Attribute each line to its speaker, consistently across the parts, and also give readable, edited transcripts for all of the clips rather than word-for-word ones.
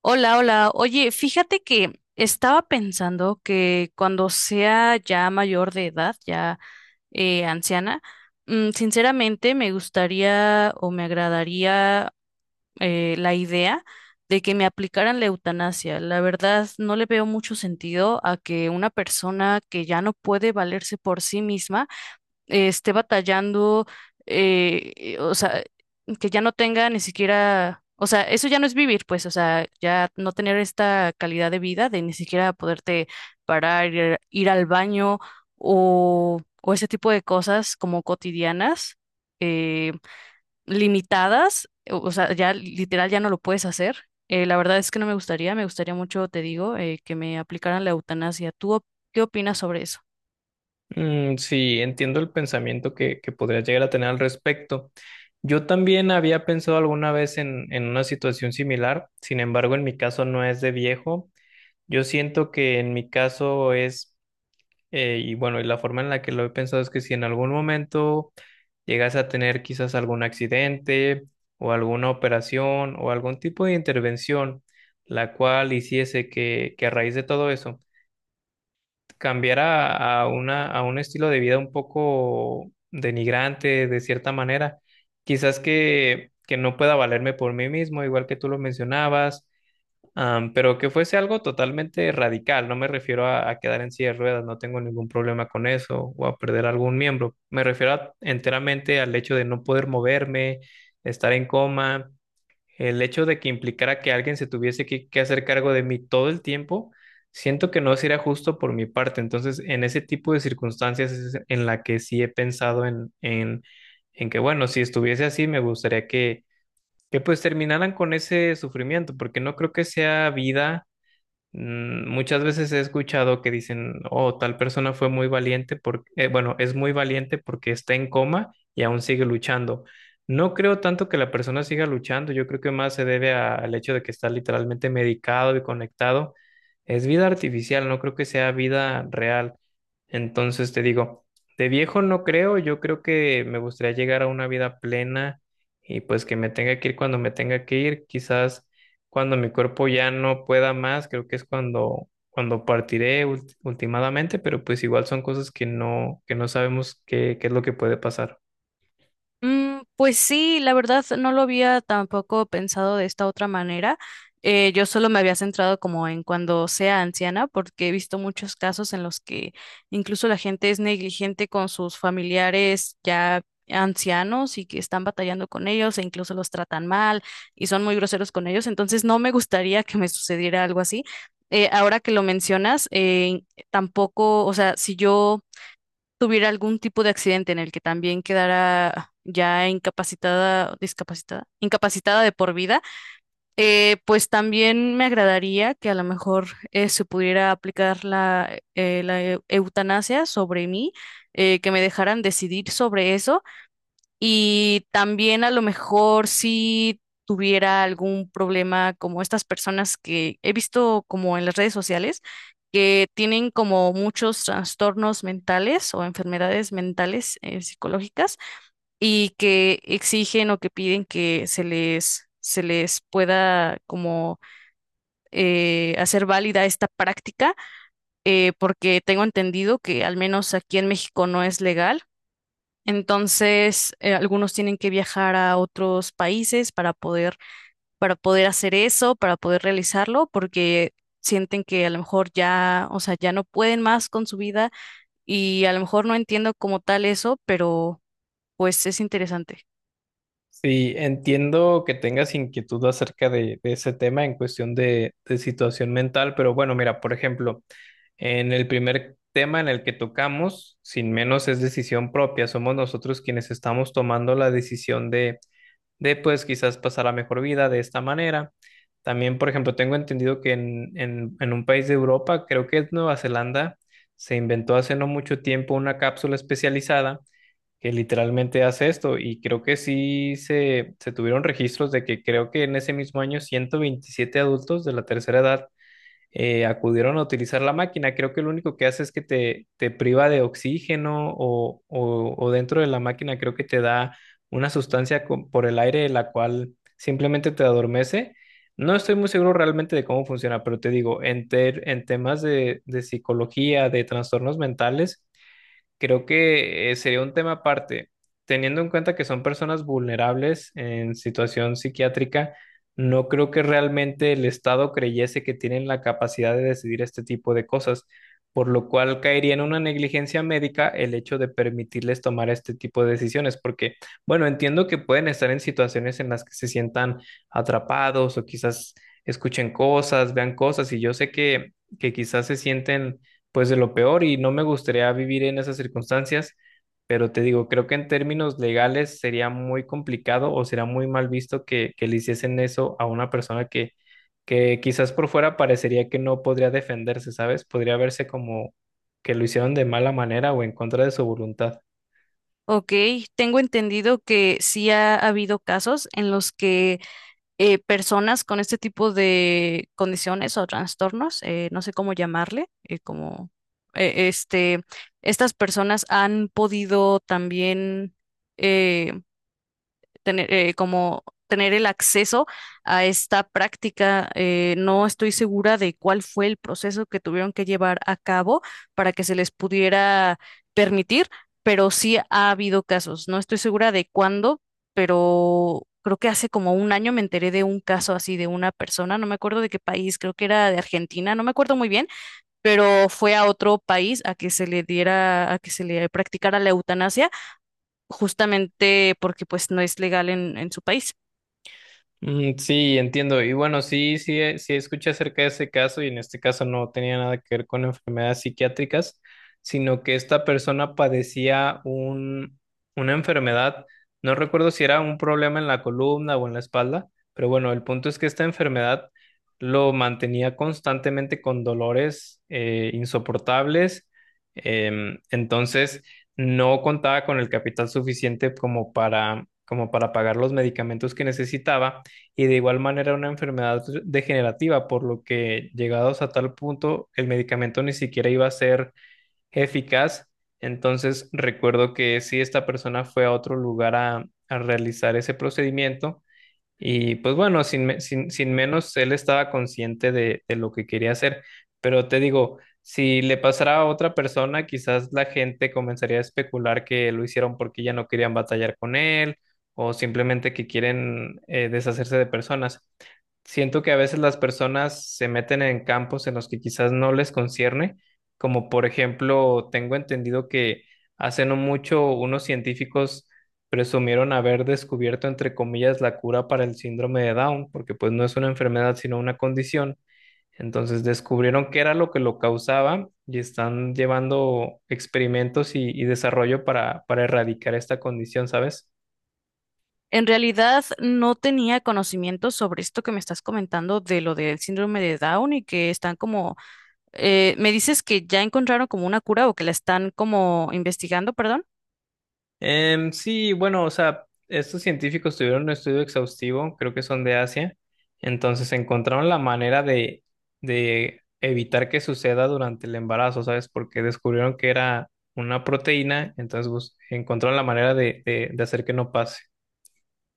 Speaker 1: Hola, hola. Oye, fíjate que estaba pensando que cuando sea ya mayor de edad, ya anciana, sinceramente me gustaría o me agradaría la idea de que me aplicaran la eutanasia. La verdad, no le veo mucho sentido a que una persona que ya no puede valerse por sí misma esté batallando, o sea, que ya no tenga ni siquiera, o sea, eso ya no es vivir, pues, o sea, ya no tener esta calidad de vida de ni siquiera poderte parar, ir, ir al baño o ese tipo de cosas como cotidianas, eh, limitadas, o sea, ya literal ya no lo puedes hacer. La verdad es que no me gustaría, me gustaría mucho, te digo, que me aplicaran la eutanasia. Qué opinas sobre eso?
Speaker 2: Mm, sí, entiendo el pensamiento que podría llegar a tener al respecto. Yo también había pensado alguna vez en una situación similar. Sin embargo, en mi caso no es de viejo. Yo siento que en mi caso es, y bueno, y la forma en la que lo he pensado es que si en algún momento llegas a tener quizás algún accidente o alguna operación o algún tipo de intervención, la cual hiciese que a raíz de todo eso, cambiar a un estilo de vida un poco denigrante de cierta manera. Quizás que no pueda valerme por mí mismo, igual que tú lo mencionabas, pero que fuese algo totalmente radical. No me refiero a quedar en silla de ruedas, no tengo ningún problema con eso, o a perder algún miembro. Enteramente al hecho de no poder moverme, estar en coma. El hecho de que implicara que alguien se tuviese que hacer cargo de mí todo el tiempo, siento que no sería justo por mi parte. Entonces, en ese tipo de circunstancias es en la que sí he pensado en que, bueno, si estuviese así, me gustaría que pues terminaran con ese sufrimiento, porque no creo que sea vida. Mm. Muchas veces he escuchado que dicen, oh, tal persona fue muy valiente porque, bueno, es muy valiente porque está en coma y aún sigue luchando. No creo tanto que la persona siga luchando, yo creo que más se debe a- al hecho de que está literalmente medicado y conectado. Es vida artificial, no creo que sea vida real. Entonces te digo, de viejo no creo, yo creo que me gustaría llegar a una vida plena y pues que me tenga que ir cuando me tenga que ir, quizás cuando mi cuerpo ya no pueda más, creo que es cuando partiré ultimadamente, pero pues igual son cosas que no sabemos qué es lo que puede pasar.
Speaker 1: Mm, pues sí, la verdad no lo había tampoco pensado de esta otra manera. Yo solo me había centrado como en cuando sea anciana, porque he visto muchos casos en los que incluso la gente es negligente con sus familiares ya ancianos y que están batallando con ellos e incluso los tratan mal y son muy groseros con ellos. Entonces no me gustaría que me sucediera algo así. Ahora que lo mencionas, tampoco, o sea, si yo tuviera algún tipo de accidente en el que también quedara ya incapacitada, discapacitada, incapacitada de por vida, pues también me agradaría que a lo mejor se pudiera aplicar la, la eutanasia sobre mí, que me dejaran decidir sobre eso y también a lo mejor si tuviera algún problema como estas personas que he visto como en las redes sociales, que tienen como muchos trastornos mentales o enfermedades mentales psicológicas y que exigen o que piden que se les pueda como hacer válida esta práctica, porque tengo entendido que al menos aquí en México no es legal entonces, algunos tienen que viajar a otros países para poder hacer eso, para poder realizarlo, porque sienten que a lo mejor ya, o sea, ya no pueden más con su vida y a lo mejor no entiendo como tal eso, pero pues es interesante.
Speaker 2: Sí, entiendo que tengas inquietud acerca de ese tema en cuestión de situación mental, pero bueno, mira, por ejemplo, en el primer tema en el que tocamos, sin menos es decisión propia, somos nosotros quienes estamos tomando la decisión de pues quizás pasar la mejor vida de esta manera. También, por ejemplo, tengo entendido que en un país de Europa, creo que es Nueva Zelanda, se inventó hace no mucho tiempo una cápsula especializada que literalmente hace esto, y creo que sí se tuvieron registros de que creo que en ese mismo año 127 adultos de la tercera edad acudieron a utilizar la máquina. Creo que lo único que hace es que te priva de oxígeno o dentro de la máquina creo que te da una sustancia por el aire, la cual simplemente te adormece. No estoy muy seguro realmente de cómo funciona, pero te digo, en temas de psicología, de trastornos mentales, creo que sería un tema aparte. Teniendo en cuenta que son personas vulnerables en situación psiquiátrica, no creo que realmente el Estado creyese que tienen la capacidad de decidir este tipo de cosas, por lo cual caería en una negligencia médica el hecho de permitirles tomar este tipo de decisiones, porque, bueno, entiendo que pueden estar en situaciones en las que se sientan atrapados o quizás escuchen cosas, vean cosas, y yo sé que quizás se sienten pues de lo peor, y no me gustaría vivir en esas circunstancias, pero te digo, creo que en términos legales sería muy complicado o sería muy mal visto que le hiciesen eso a una persona que quizás por fuera parecería que no podría defenderse, ¿sabes? Podría verse como que lo hicieron de mala manera o en contra de su voluntad.
Speaker 1: Ok, tengo entendido que sí ha habido casos en los que personas con este tipo de condiciones o trastornos, no sé cómo llamarle, como este, estas personas han podido también eh, tener, como tener el acceso a esta práctica. No estoy segura de cuál fue el proceso que tuvieron que llevar a cabo para que se les pudiera permitir, pero sí ha habido casos. No estoy segura de cuándo, pero creo que hace como un año me enteré de un caso así de una persona, no me acuerdo de qué país, creo que era de Argentina, no me acuerdo muy bien, pero fue a otro país a que se le diera, a que se le practicara la eutanasia justamente porque pues no es legal en su país.
Speaker 2: Mm, sí, entiendo. Y bueno, sí, sí escuché acerca de ese caso, y en este caso no tenía nada que ver con enfermedades psiquiátricas, sino que esta persona padecía una enfermedad, no recuerdo si era un problema en la columna o en la espalda, pero bueno, el punto es que esta enfermedad lo mantenía constantemente con dolores insoportables. Entonces no contaba con el capital suficiente como como para pagar los medicamentos que necesitaba, y de igual manera una enfermedad degenerativa, por lo que llegados a tal punto el medicamento ni siquiera iba a ser eficaz. Entonces recuerdo que si esta persona fue a otro lugar a realizar ese procedimiento, y pues bueno, sin, me- sin, sin menos, él estaba consciente de lo que quería hacer. Pero te digo, si le pasara a otra persona, quizás la gente comenzaría a especular que lo hicieron porque ya no querían batallar con él, o simplemente que quieren deshacerse de personas. Siento que a veces las personas se meten en campos en los que quizás no les concierne, como por ejemplo, tengo entendido que hace no mucho unos científicos presumieron haber descubierto, entre comillas, la cura para el síndrome de Down, porque pues no es una enfermedad sino una condición. Entonces descubrieron qué era lo que lo causaba y están llevando experimentos y desarrollo para erradicar esta condición, ¿sabes?
Speaker 1: En realidad no tenía conocimiento sobre esto que me estás comentando de lo del síndrome de Down y que están como, me dices que ya encontraron como una cura o que la están como investigando, perdón.
Speaker 2: Em, sí, bueno, o sea, estos científicos tuvieron un estudio exhaustivo, creo que son de Asia, entonces encontraron la manera de evitar que suceda durante el embarazo, ¿sabes? Porque descubrieron que era una proteína, entonces encontraron la manera de hacer que no pase.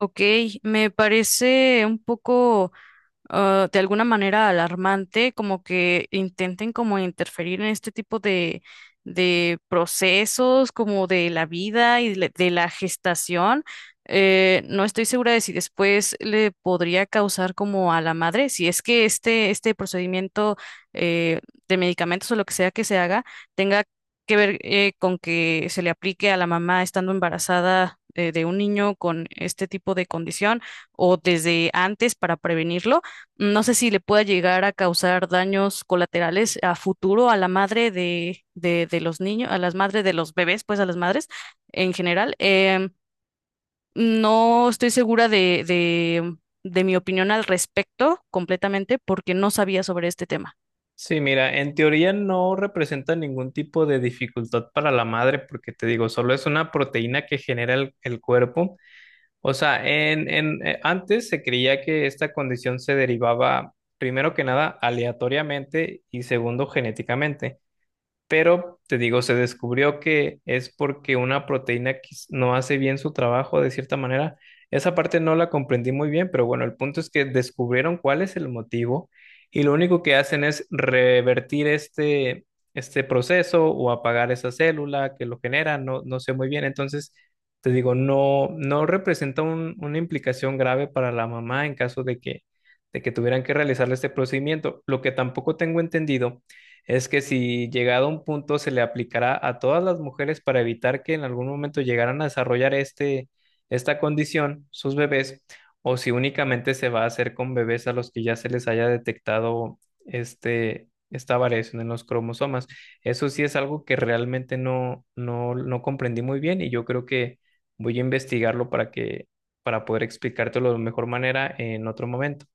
Speaker 1: Ok, me parece un poco ah, de alguna manera alarmante, como que intenten como interferir en este tipo de procesos, como de la vida de la gestación. No estoy segura de si después le podría causar como a la madre, si es que este procedimiento eh, de medicamentos o lo que sea que se haga tenga que ver con que se le aplique a la mamá estando embarazada de un niño con este tipo de condición o desde antes para prevenirlo. No sé si le pueda llegar a causar daños colaterales a futuro a la madre de los niños, a las madres de los bebés, pues a las madres en general. Em, no estoy segura de, de mi opinión al respecto completamente porque no sabía sobre este tema.
Speaker 2: Sí, mira, en teoría no representa ningún tipo de dificultad para la madre, porque te digo, solo es una proteína que genera el cuerpo. O sea, antes se creía que esta condición se derivaba, primero que nada, aleatoriamente, y segundo, genéticamente. Pero te digo, se descubrió que es porque una proteína que no hace bien su trabajo de cierta manera. Esa parte no la comprendí muy bien, pero bueno, el punto es que descubrieron cuál es el motivo, y lo único que hacen es revertir este proceso o apagar esa célula que lo genera, no, no sé muy bien. Entonces, te digo, no, no representa una implicación grave para la mamá en caso de de que tuvieran que realizarle este procedimiento. Lo que tampoco tengo entendido es que si llegado a un punto se le aplicará a todas las mujeres para evitar que en algún momento llegaran a desarrollar esta condición, sus bebés, o si únicamente se va a hacer con bebés a los que ya se les haya detectado esta variación en los cromosomas. Eso sí es algo que realmente no comprendí muy bien, y yo creo que voy a investigarlo para poder explicártelo de mejor manera en otro momento.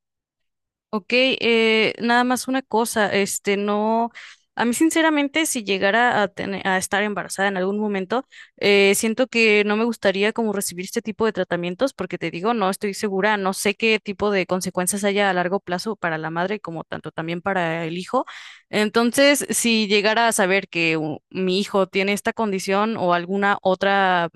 Speaker 1: Ok, nada más una cosa, este, no, a mí sinceramente si llegara a, tener, a estar embarazada en algún momento, siento que no me gustaría como recibir este tipo de tratamientos porque te digo, no estoy segura, no sé qué tipo de consecuencias haya a largo plazo para la madre como tanto también para el hijo. Entonces, si llegara a saber que mi hijo tiene esta condición o alguna otra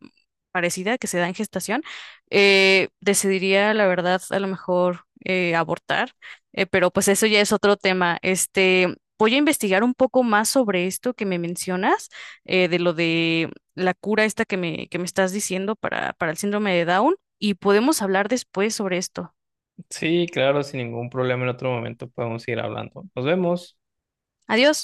Speaker 1: parecida que se da en gestación, decidiría la verdad a lo mejor abortar pero pues eso ya es otro tema. Este, voy a investigar un poco más sobre esto que me mencionas, de lo de la cura esta que me estás diciendo para el síndrome de Down, y podemos hablar después sobre esto.
Speaker 2: Sí, claro, sin ningún problema, en otro momento podemos ir hablando. Nos vemos.
Speaker 1: Adiós.